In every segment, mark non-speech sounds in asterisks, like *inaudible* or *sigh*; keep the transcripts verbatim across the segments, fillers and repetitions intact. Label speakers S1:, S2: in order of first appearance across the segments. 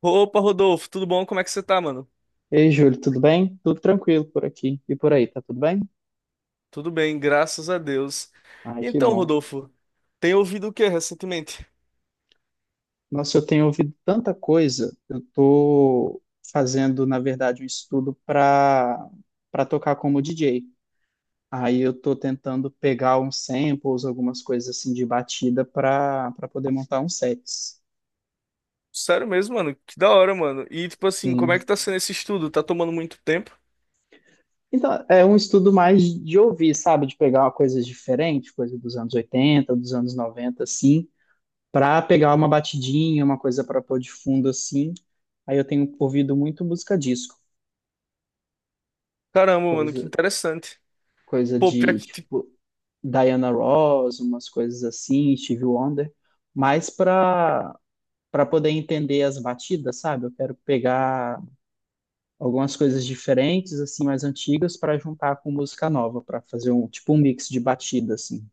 S1: Opa, Rodolfo, tudo bom? Como é que você tá, mano?
S2: Ei, Júlio, tudo bem? Tudo tranquilo por aqui e por aí, tá tudo bem?
S1: Tudo bem, graças a Deus.
S2: Ai,
S1: E
S2: que
S1: Então,
S2: bom.
S1: Rodolfo, tem ouvido o que recentemente?
S2: Nossa, eu tenho ouvido tanta coisa. Eu tô fazendo, na verdade, um estudo para para tocar como D J. Aí eu tô tentando pegar uns samples, algumas coisas assim de batida para para poder montar uns sets.
S1: Sério mesmo, mano? Que da hora, mano. E tipo assim, como é que
S2: Sim.
S1: tá sendo esse estudo? Tá tomando muito tempo?
S2: Então, é um estudo mais de ouvir, sabe? De pegar coisas diferentes, coisa dos anos oitenta, dos anos noventa, assim para pegar uma batidinha, uma coisa para pôr de fundo assim. Aí eu tenho ouvido muito música disco,
S1: Caramba, mano,
S2: coisa
S1: que interessante.
S2: coisa
S1: Pô, pior
S2: de
S1: que, tipo,
S2: tipo Diana Ross, umas coisas assim, Stevie Wonder, mas para para poder entender as batidas, sabe? Eu quero pegar algumas coisas diferentes assim, mais antigas para juntar com música nova, para fazer um tipo um mix de batida assim.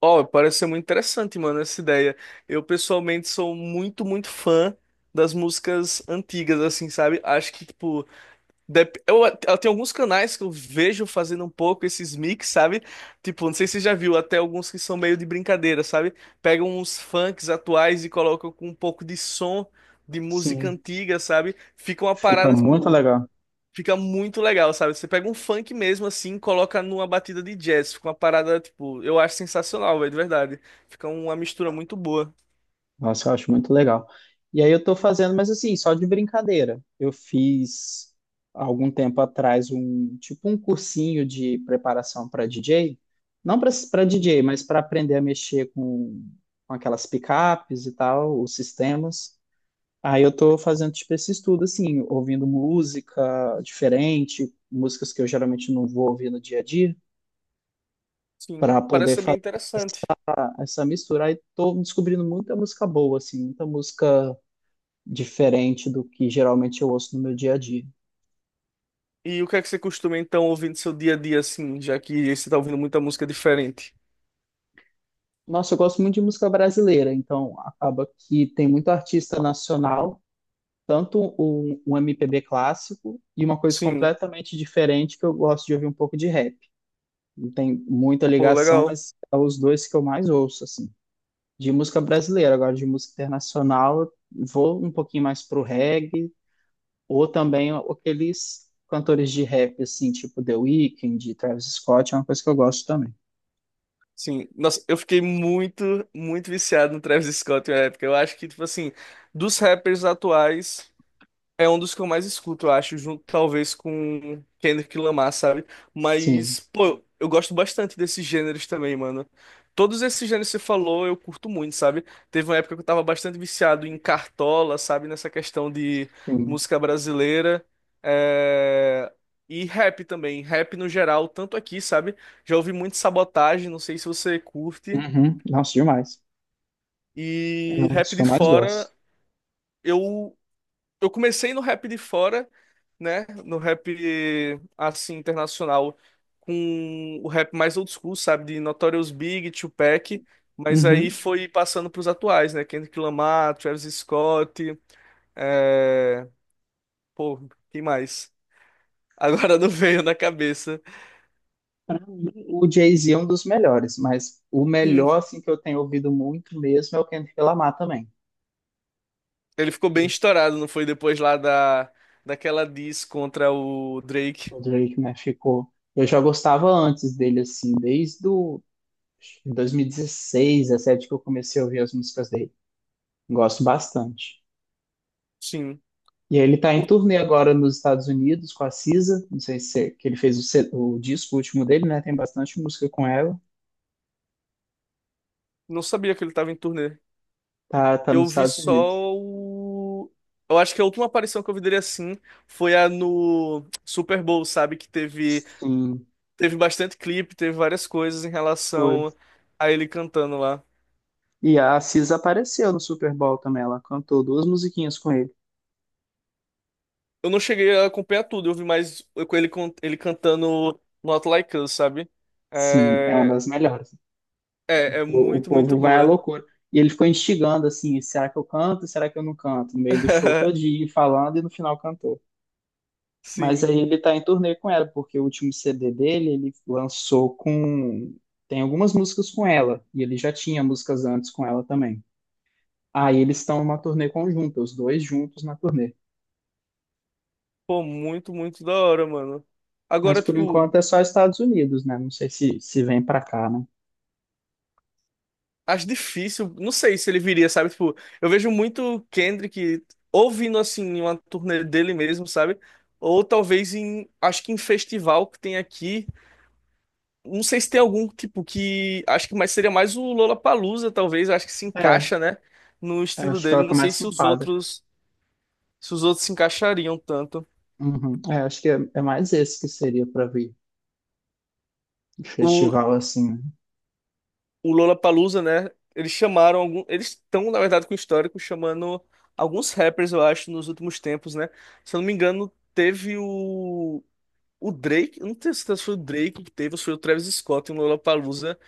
S1: ó, parece ser muito interessante, mano, essa ideia. Eu pessoalmente sou muito, muito fã das músicas antigas, assim, sabe? Acho que, tipo, Dep- Eu, eu tenho alguns canais que eu vejo fazendo um pouco esses mix, sabe? Tipo, não sei se você já viu, até alguns que são meio de brincadeira, sabe? Pegam uns funks atuais e colocam com um pouco de som de música
S2: Sim,
S1: antiga, sabe? Fica uma
S2: fica
S1: parada,
S2: muito
S1: tipo,
S2: legal.
S1: fica muito legal, sabe? Você pega um funk mesmo assim, coloca numa batida de jazz, fica uma parada, tipo, eu acho sensacional, velho, de verdade. Fica uma mistura muito boa.
S2: Nossa, eu acho muito legal. E aí eu tô fazendo, mas assim, só de brincadeira. Eu fiz há algum tempo atrás um tipo um cursinho de preparação para D J, não para para
S1: Uhum.
S2: D J, mas para aprender a mexer com, com aquelas picapes e tal, os sistemas. Aí eu tô fazendo tipo esse estudo assim, ouvindo música diferente, músicas que eu geralmente não vou ouvir no dia a dia,
S1: Sim,
S2: para
S1: parece
S2: poder
S1: ser bem
S2: fazer
S1: interessante.
S2: essa mistura. Aí tô descobrindo muita música boa assim, muita música diferente do que geralmente eu ouço no meu dia a dia.
S1: E o que é que você costuma então ouvir no seu dia a dia, assim, já que você tá ouvindo muita música diferente?
S2: Nossa, eu gosto muito de música brasileira, então acaba que tem muito artista nacional, tanto um, um M P B clássico e uma coisa
S1: Sim,
S2: completamente diferente que eu gosto de ouvir um pouco de rap. Não tem muita
S1: pô,
S2: ligação,
S1: legal.
S2: mas é os dois que eu mais ouço, assim. De música brasileira, agora de música internacional, eu vou um pouquinho mais pro reggae, ou também aqueles cantores de rap, assim, tipo The Weeknd, Travis Scott, é uma coisa que eu gosto também.
S1: Sim, nossa, eu fiquei muito, muito viciado no Travis Scott na época. Eu acho que, tipo assim, dos rappers atuais. É um dos que eu mais escuto, eu acho, junto talvez com Kendrick Lamar, sabe?
S2: Sim.
S1: Mas, pô, eu gosto bastante desses gêneros também, mano. Todos esses gêneros que você falou, eu curto muito, sabe? Teve uma época que eu tava bastante viciado em Cartola, sabe? Nessa questão de
S2: Sim.
S1: música brasileira. É, e rap também. Rap no geral, tanto aqui, sabe? Já ouvi muito Sabotagem, não sei se você curte.
S2: Uhum. Nossa, demais. É
S1: E
S2: um dos
S1: rap
S2: que
S1: de
S2: eu mais
S1: fora.
S2: gosto.
S1: Eu Eu comecei no rap de fora, né? No rap assim internacional, com o rap mais old school, sabe? De Notorious Big, Tupac, mas aí
S2: Uhum.
S1: foi passando pros atuais, né? Kendrick Lamar, Travis Scott, é... pô, quem mais? *laughs* Agora não veio na cabeça.
S2: Pra mim, o Jay-Z é um dos melhores, mas o melhor,
S1: Sim,
S2: assim, que eu tenho ouvido muito mesmo é o Kendrick Lamar também.
S1: ele ficou bem estourado, não foi depois lá da daquela diss contra o Drake.
S2: O Drake, né, ficou. Eu já gostava antes dele, assim, desde o acho que dois mil e dezesseis, dois mil e dezessete, que eu comecei a ouvir as músicas dele. Gosto bastante.
S1: Sim.
S2: E ele tá
S1: O-
S2: em turnê agora nos Estados Unidos com a S Z A, não sei se é- que ele fez o, se- o disco último dele, né, tem bastante música com ela.
S1: Não sabia que ele tava em turnê.
S2: Tá, tá nos
S1: Eu vi
S2: Estados Unidos.
S1: só o. Eu acho que a última aparição que eu vi dele assim foi a no Super Bowl, sabe? Que teve,
S2: Sim,
S1: teve bastante clipe, teve várias coisas em
S2: foi.
S1: relação a ele cantando lá.
S2: E a Assis apareceu no Super Bowl também. Ela cantou duas musiquinhas com ele.
S1: Eu não cheguei a acompanhar tudo, eu vi mais com ele, con- ele cantando Not Like Us, sabe?
S2: Sim, é uma
S1: É,
S2: das melhores.
S1: é, é
S2: O, o
S1: muito, muito
S2: povo vai à
S1: boa.
S2: loucura. E ele ficou instigando assim: será que eu canto? Será que eu não canto? No meio do show
S1: *laughs*
S2: todinho, falando e no final cantou. Mas
S1: Sim.
S2: aí ele tá em turnê com ela, porque o último C D dele ele lançou com. Tem algumas músicas com ela. E ele já tinha músicas antes com ela também. Aí eles estão numa turnê conjunta, os dois juntos na turnê.
S1: Pô, muito, muito da hora, mano.
S2: Mas
S1: Agora,
S2: por
S1: tipo,
S2: enquanto é só Estados Unidos, né? Não sei se, se vem pra cá, né?
S1: acho difícil, não sei se ele viria, sabe? Tipo, eu vejo muito Kendrick ouvindo assim uma turnê dele mesmo, sabe? Ou talvez em, acho que em festival que tem aqui. Não sei se tem algum tipo que acho que mais seria mais o Lollapalooza, talvez, acho que se
S2: É,
S1: encaixa, né, no
S2: é,
S1: estilo
S2: acho que é o
S1: dele.
S2: que
S1: Não
S2: mais
S1: sei
S2: se
S1: se os
S2: enquadra.
S1: outros, se os outros se encaixariam tanto.
S2: Uhum. É, acho que é, é mais esse que seria pra vir. Um
S1: O,
S2: festival assim, né?
S1: o Lollapalooza, né? Eles chamaram algum, eles estão, na verdade, com o histórico chamando alguns rappers, eu acho, nos últimos tempos, né? Se eu não me engano, teve o o Drake, eu não tenho certeza se foi o Drake que teve ou se foi o Travis Scott em Lollapalooza,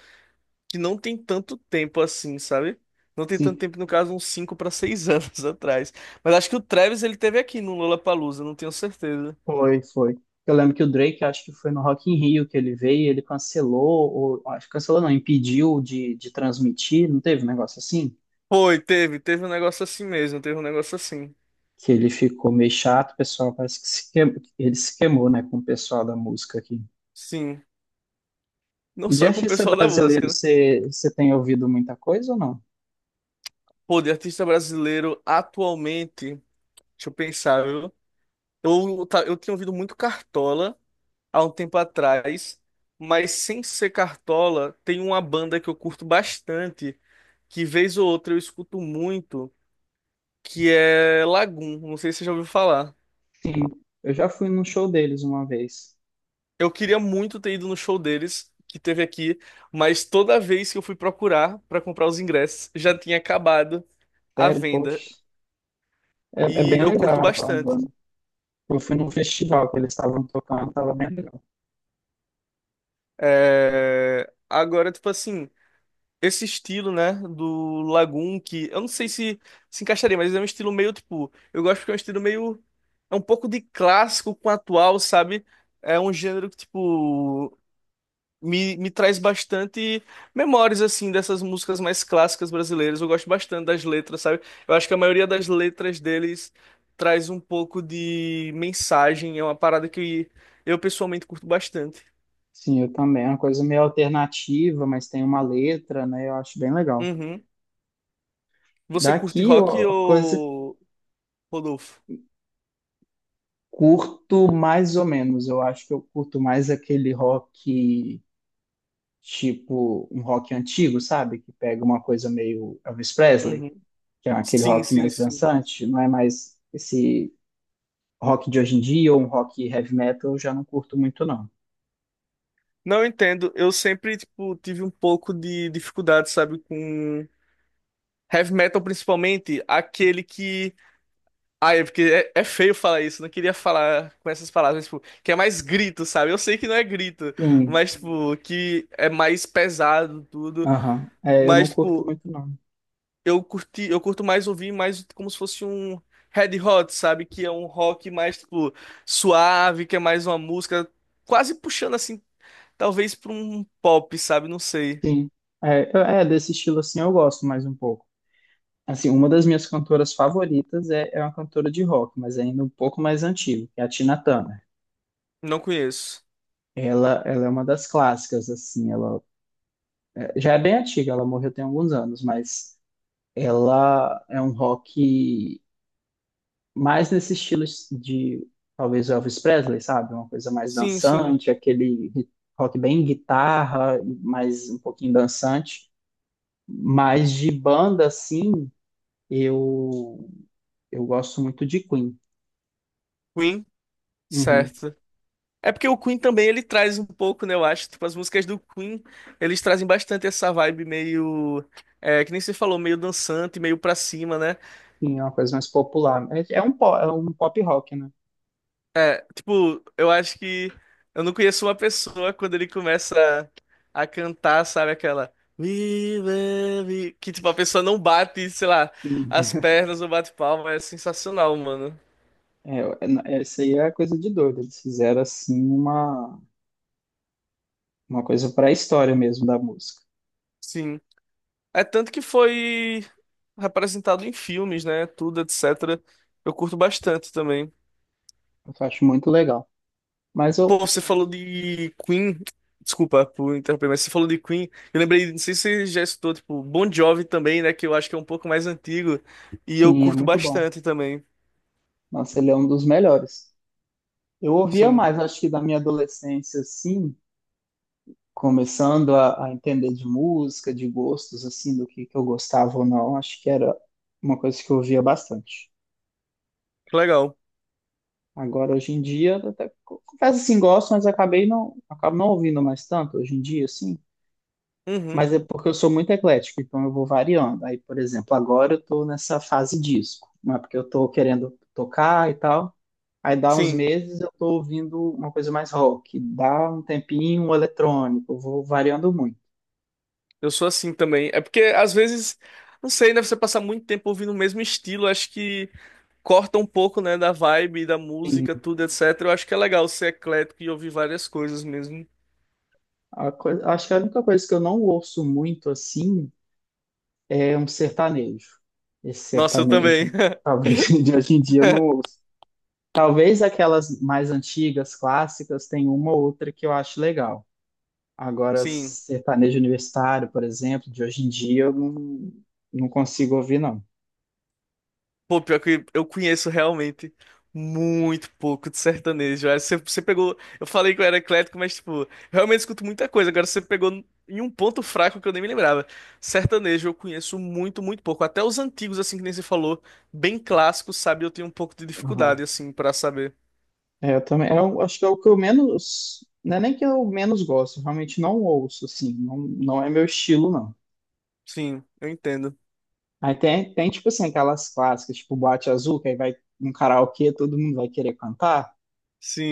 S1: que não tem tanto tempo assim, sabe? Não tem tanto
S2: Sim,
S1: tempo, no caso, uns cinco para seis *laughs* anos atrás. Mas acho que o Travis ele teve aqui no Lollapalooza, não tenho certeza.
S2: foi, foi. Eu lembro que o Drake, acho que foi no Rock in Rio que ele veio, e ele cancelou, ou acho que cancelou não, impediu de, de transmitir, não teve um negócio assim?
S1: Foi, teve, teve um negócio assim mesmo, teve um negócio assim.
S2: Que ele ficou meio chato, o pessoal parece que se queimou, ele se queimou, né, com o pessoal da música aqui.
S1: Sim, não
S2: E de
S1: só com o
S2: artista
S1: pessoal da
S2: brasileiro,
S1: música, né.
S2: você, você tem ouvido muita coisa ou não?
S1: Pô, de artista brasileiro atualmente, deixa eu pensar, viu? Eu, tá- eu tinha ouvido muito Cartola há um tempo atrás, mas sem ser Cartola, tem uma banda que eu curto bastante, que vez ou outra eu escuto muito, que é Lagum. Não sei se você já ouviu falar.
S2: Sim, eu já fui num show deles uma vez.
S1: Eu queria muito ter ido no show deles, que teve aqui, mas toda vez que eu fui procurar para comprar os ingressos, já tinha acabado a
S2: Sério, poxa,
S1: venda.
S2: é, é
S1: E
S2: bem
S1: eu
S2: legal
S1: curto
S2: a banda.
S1: bastante.
S2: Eu fui num festival que eles estavam tocando, estava bem legal.
S1: É, agora, tipo assim, esse estilo, né, do Lagoon, que eu não sei se se encaixaria, mas é um estilo meio, tipo, eu gosto porque é um estilo meio, é um pouco de clássico com atual, sabe? É um gênero que, tipo, me, me traz bastante memórias, assim, dessas músicas mais clássicas brasileiras. Eu gosto bastante das letras, sabe? Eu acho que a maioria das letras deles traz um pouco de mensagem, é uma parada que eu pessoalmente curto bastante.
S2: Sim, eu também. É uma coisa meio alternativa, mas tem uma letra, né? Eu acho bem legal.
S1: Uhum. Você curte
S2: Daqui, eu
S1: rock
S2: a coisa
S1: ou Rodolfo?
S2: curto mais ou menos. Eu acho que eu curto mais aquele rock, tipo um rock antigo, sabe? Que pega uma coisa meio Elvis Presley,
S1: Uhum.
S2: que é aquele
S1: Sim,
S2: rock
S1: sim,
S2: mais
S1: sim.
S2: dançante, não é mais esse rock de hoje em dia ou um rock heavy metal, eu já não curto muito, não.
S1: Não eu entendo. Eu sempre, tipo, tive um pouco de dificuldade, sabe, com heavy metal, principalmente aquele que. Ah, é porque é, é feio falar isso, não queria falar com essas palavras, tipo, que é mais grito, sabe? Eu sei que não é grito,
S2: Sim,
S1: mas, tipo, que é mais pesado tudo.
S2: aham. É, eu não
S1: Mas,
S2: curto
S1: tipo,
S2: muito, não.
S1: eu curti, eu curto mais ouvir mais como se fosse um Red Hot, sabe? Que é um rock mais, tipo, suave, que é mais uma música quase puxando, assim, talvez pra um pop, sabe? Não sei.
S2: Sim. É, eu- é, desse estilo assim eu gosto mais um pouco. Assim, uma das minhas cantoras favoritas é, é uma cantora de rock, mas é ainda um pouco mais antiga, que é a Tina Turner.
S1: Não conheço.
S2: Ela, ela é uma das clássicas, assim, ela é, já é bem antiga, ela morreu tem alguns anos, mas ela é um rock mais nesse estilo de talvez Elvis Presley, sabe? Uma coisa mais
S1: Sim, sim.
S2: dançante, aquele rock bem guitarra, mais um pouquinho dançante. Mas de banda, assim, eu, eu gosto muito de Queen.
S1: Queen,
S2: Uhum.
S1: certo. É porque o Queen também, ele traz um pouco, né? Eu acho, tipo, as músicas do Queen, eles trazem bastante essa vibe meio. É, que nem você falou, meio dançante, meio pra cima, né?
S2: Sim, é uma coisa mais popular. É, é um, po- é um pop rock, né?
S1: É, tipo, eu acho que eu não conheço uma pessoa quando ele começa a, a cantar, sabe, aquela We love you", que tipo a pessoa não bate, sei lá,
S2: Sim.
S1: as pernas ou bate palma, é sensacional, mano.
S2: É, é- essa aí é coisa de doido. Eles fizeram, assim, uma, uma coisa para a história mesmo da música.
S1: Sim. É tanto que foi representado em filmes, né, tudo, etcétera. Eu curto bastante também.
S2: Eu acho muito legal. Mas
S1: Pô,
S2: eu,
S1: você falou de Queen. Desculpa por interromper, mas você falou de Queen. Eu lembrei, não sei se você já escutou, tipo, Bon Jovi também, né? Que eu acho que é um pouco mais antigo. E eu
S2: sim, é
S1: curto
S2: muito bom.
S1: bastante também.
S2: Nossa, ele é um dos melhores. Eu ouvia
S1: Sim,
S2: mais, acho que da minha adolescência, assim, começando a, a entender de música, de gostos, assim, do que, que eu gostava ou não, acho que era uma coisa que eu ouvia bastante.
S1: que legal.
S2: Agora, hoje em dia, eu até co- confesso assim, gosto, mas acabei não, acabo não ouvindo mais tanto hoje em dia, assim.
S1: Uhum,
S2: Mas é porque eu sou muito eclético, então eu vou variando. Aí, por exemplo, agora eu tô nessa fase disco, não é porque eu tô querendo tocar e tal. Aí dá uns
S1: sim,
S2: meses eu tô ouvindo uma coisa mais rock, dá um tempinho um eletrônico, eu vou variando muito.
S1: eu sou assim também. É porque às vezes, não sei, né? Você passar muito tempo ouvindo o mesmo estilo, acho que corta um pouco, né? Da vibe, da
S2: Sim,
S1: música, tudo, etcétera. Eu acho que é legal ser eclético e ouvir várias coisas mesmo.
S2: a coi- acho que a única coisa que eu não ouço muito assim é um sertanejo. Esse
S1: Nossa, eu também.
S2: sertanejo, talvez *laughs* de hoje em dia, eu não
S1: *laughs*
S2: ouço. Talvez aquelas mais antigas, clássicas, tem uma ou outra que eu acho legal. Agora,
S1: Sim.
S2: sertanejo universitário, por exemplo, de hoje em dia eu não, não consigo ouvir, não.
S1: Pô, pior que eu conheço realmente muito pouco de sertanejo. Aí Você, você pegou. Eu falei que eu era eclético, mas, tipo, eu realmente escuto muita coisa. Agora você pegou em um ponto fraco que eu nem me lembrava. Sertanejo eu conheço muito, muito pouco. Até os antigos, assim, que nem você falou, bem clássicos, sabe? Eu tenho um pouco de dificuldade, assim, pra saber.
S2: É, eu também. É, eu acho que é o que eu menos, não é nem que eu menos gosto, eu realmente não ouço, assim, não, não é meu estilo, não.
S1: Sim, eu entendo.
S2: Aí tem, tem, tipo assim, aquelas clássicas, tipo Boate Azul, que aí vai num karaokê, todo mundo vai querer cantar,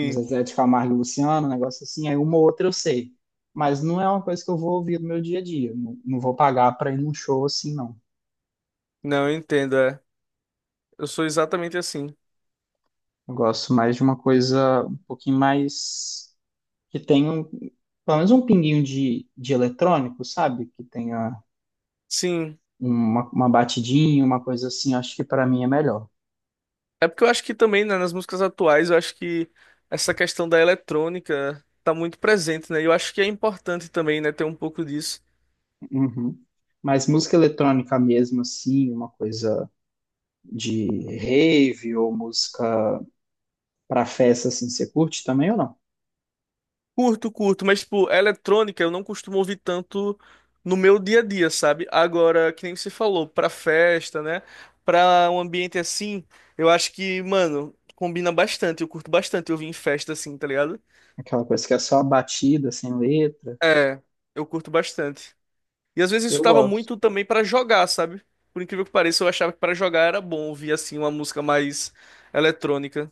S2: uns Zezé de Camargo e Luciano, um negócio assim, aí uma ou outra eu sei. Mas não é uma coisa que eu vou ouvir no meu dia a dia, não, não vou pagar pra ir num show assim, não.
S1: não, eu entendo, é. Eu sou exatamente assim.
S2: Eu gosto mais de uma coisa um pouquinho mais, que tenha, um- pelo menos um pinguinho de, de eletrônico, sabe? Que tenha
S1: Sim.
S2: uma, uma batidinha, uma coisa assim, acho que para mim é melhor.
S1: É porque eu acho que também, né, nas músicas atuais, eu acho que essa questão da eletrônica tá muito presente, né? E Eu acho que é importante também, né, ter um pouco disso.
S2: Uhum. Mas música eletrônica mesmo, assim, uma coisa de rave ou música para festa, assim, você curte também ou não?
S1: Curto, curto, mas, tipo, eletrônica eu não costumo ouvir tanto no meu dia a dia, sabe? Agora, que nem você falou, pra festa, né? Pra um ambiente assim, eu acho que, mano, combina bastante. Eu curto bastante ouvir em festa assim, tá ligado?
S2: Aquela coisa que é só batida, sem letra.
S1: É, eu curto bastante. E às vezes eu
S2: Eu
S1: escutava
S2: gosto.
S1: muito também pra jogar, sabe? Por incrível que pareça, eu achava que pra jogar era bom ouvir assim uma música mais eletrônica.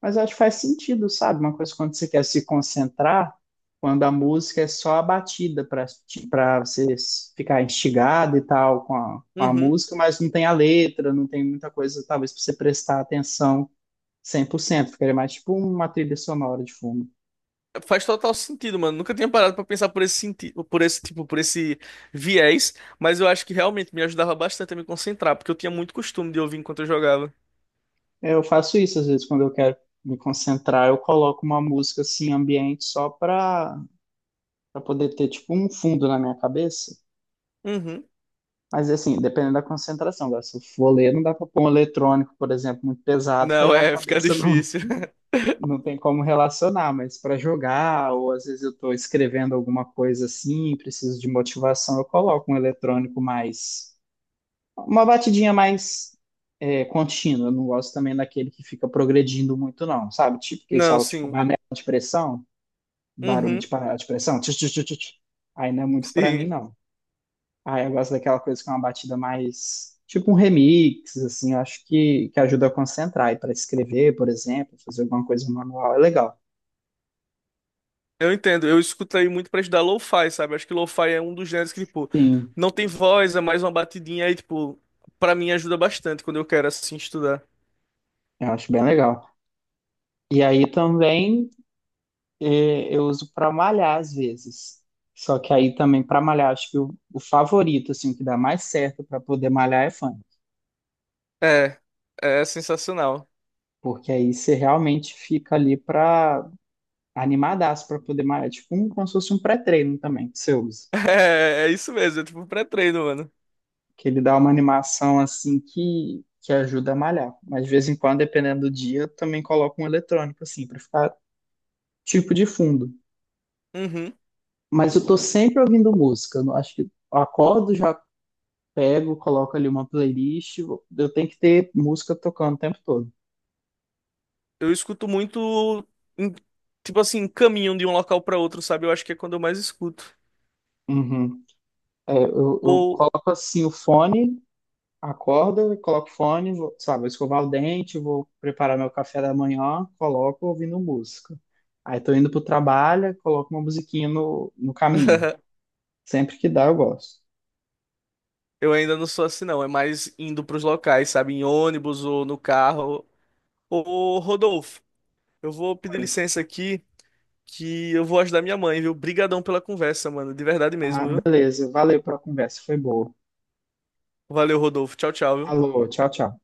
S2: Mas acho que faz sentido, sabe? Uma coisa quando você quer se concentrar, quando a música é só a batida para para você ficar instigado e tal com a, com a
S1: Uhum.
S2: música, mas não tem a letra, não tem muita coisa, talvez, para você prestar atenção cem por cento, ficaria mais tipo uma trilha sonora de fundo.
S1: Faz total sentido, mano. Nunca tinha parado pra pensar por esse sentido, por esse tipo, por esse viés, mas eu acho que realmente me ajudava bastante a me concentrar, porque eu tinha muito costume de ouvir enquanto eu jogava.
S2: Eu faço isso às vezes quando eu quero me concentrar, eu coloco uma música assim ambiente só para para poder ter tipo um fundo na minha cabeça.
S1: Uhum.
S2: Mas assim, dependendo da concentração, agora, se eu for ler, não dá para pôr um eletrônico, por exemplo, muito pesado, que aí
S1: Não,
S2: a
S1: é, fica
S2: cabeça não
S1: difícil. *laughs*
S2: não tem como relacionar, mas para jogar, ou às vezes eu estou escrevendo alguma coisa assim, preciso de motivação, eu coloco um eletrônico mais. Uma batidinha mais é, contínua. Eu não gosto também daquele que fica progredindo muito, não, sabe? Tipo, que eles
S1: Não,
S2: falam, tipo,
S1: sim.
S2: panela de pressão, barulho de
S1: Uhum.
S2: panela de pressão. Tch, tch, tch, tch, tch. Aí não é muito pra mim,
S1: Sim.
S2: não. Aí eu gosto daquela coisa que é uma batida mais. Tipo um remix, assim, eu acho que, que ajuda a concentrar. E para escrever, por exemplo, fazer alguma coisa manual é legal.
S1: Eu entendo, eu escutei muito pra estudar lo-fi, sabe? Acho que lo-fi é um dos gêneros que, tipo,
S2: Sim,
S1: não tem voz, é mais uma batidinha aí, tipo, pra mim ajuda bastante quando eu quero, assim, estudar.
S2: eu acho bem legal. E aí também. É, eu uso para malhar às vezes. Só que aí também para malhar, acho que o, o favorito, assim, que dá mais certo para poder malhar é funk.
S1: É, é sensacional. *laughs*
S2: Porque aí você realmente fica ali para animadaço para poder malhar. É. Tipo, um, como se fosse um pré-treino também que você usa.
S1: É, é isso mesmo, é tipo pré-treino, mano.
S2: Que ele dá uma animação assim que, que ajuda a malhar. Mas de vez em quando, dependendo do dia, eu também coloco um eletrônico assim, para ficar tipo de fundo.
S1: Uhum.
S2: Mas eu tô sempre ouvindo música. Eu não acho que eu acordo já pego, coloco ali uma playlist. Eu tenho que ter música tocando o tempo todo.
S1: Eu escuto muito, em- tipo assim, caminho de um local pra outro, sabe? Eu acho que é quando eu mais escuto.
S2: Uhum. É, eu, eu
S1: Ou
S2: coloco assim o fone, acordo, coloco o fone, vou, sei lá, vou escovar o dente, vou preparar meu café da manhã, coloco ouvindo música. Aí tô indo pro trabalho, coloco uma musiquinha no, no caminho.
S1: *laughs*
S2: Sempre que dá, eu gosto.
S1: eu ainda não sou assim, não, é mais indo pros locais, sabe? Em ônibus ou no carro. Ô, Rodolfo, eu vou pedir
S2: Foi.
S1: licença aqui. Que eu vou ajudar minha mãe, viu? Brigadão pela conversa, mano. De verdade mesmo,
S2: Ah,
S1: viu?
S2: beleza. Valeu pela conversa, foi boa.
S1: Valeu, Rodolfo. Tchau, tchau, viu?
S2: Alô, tchau, tchau.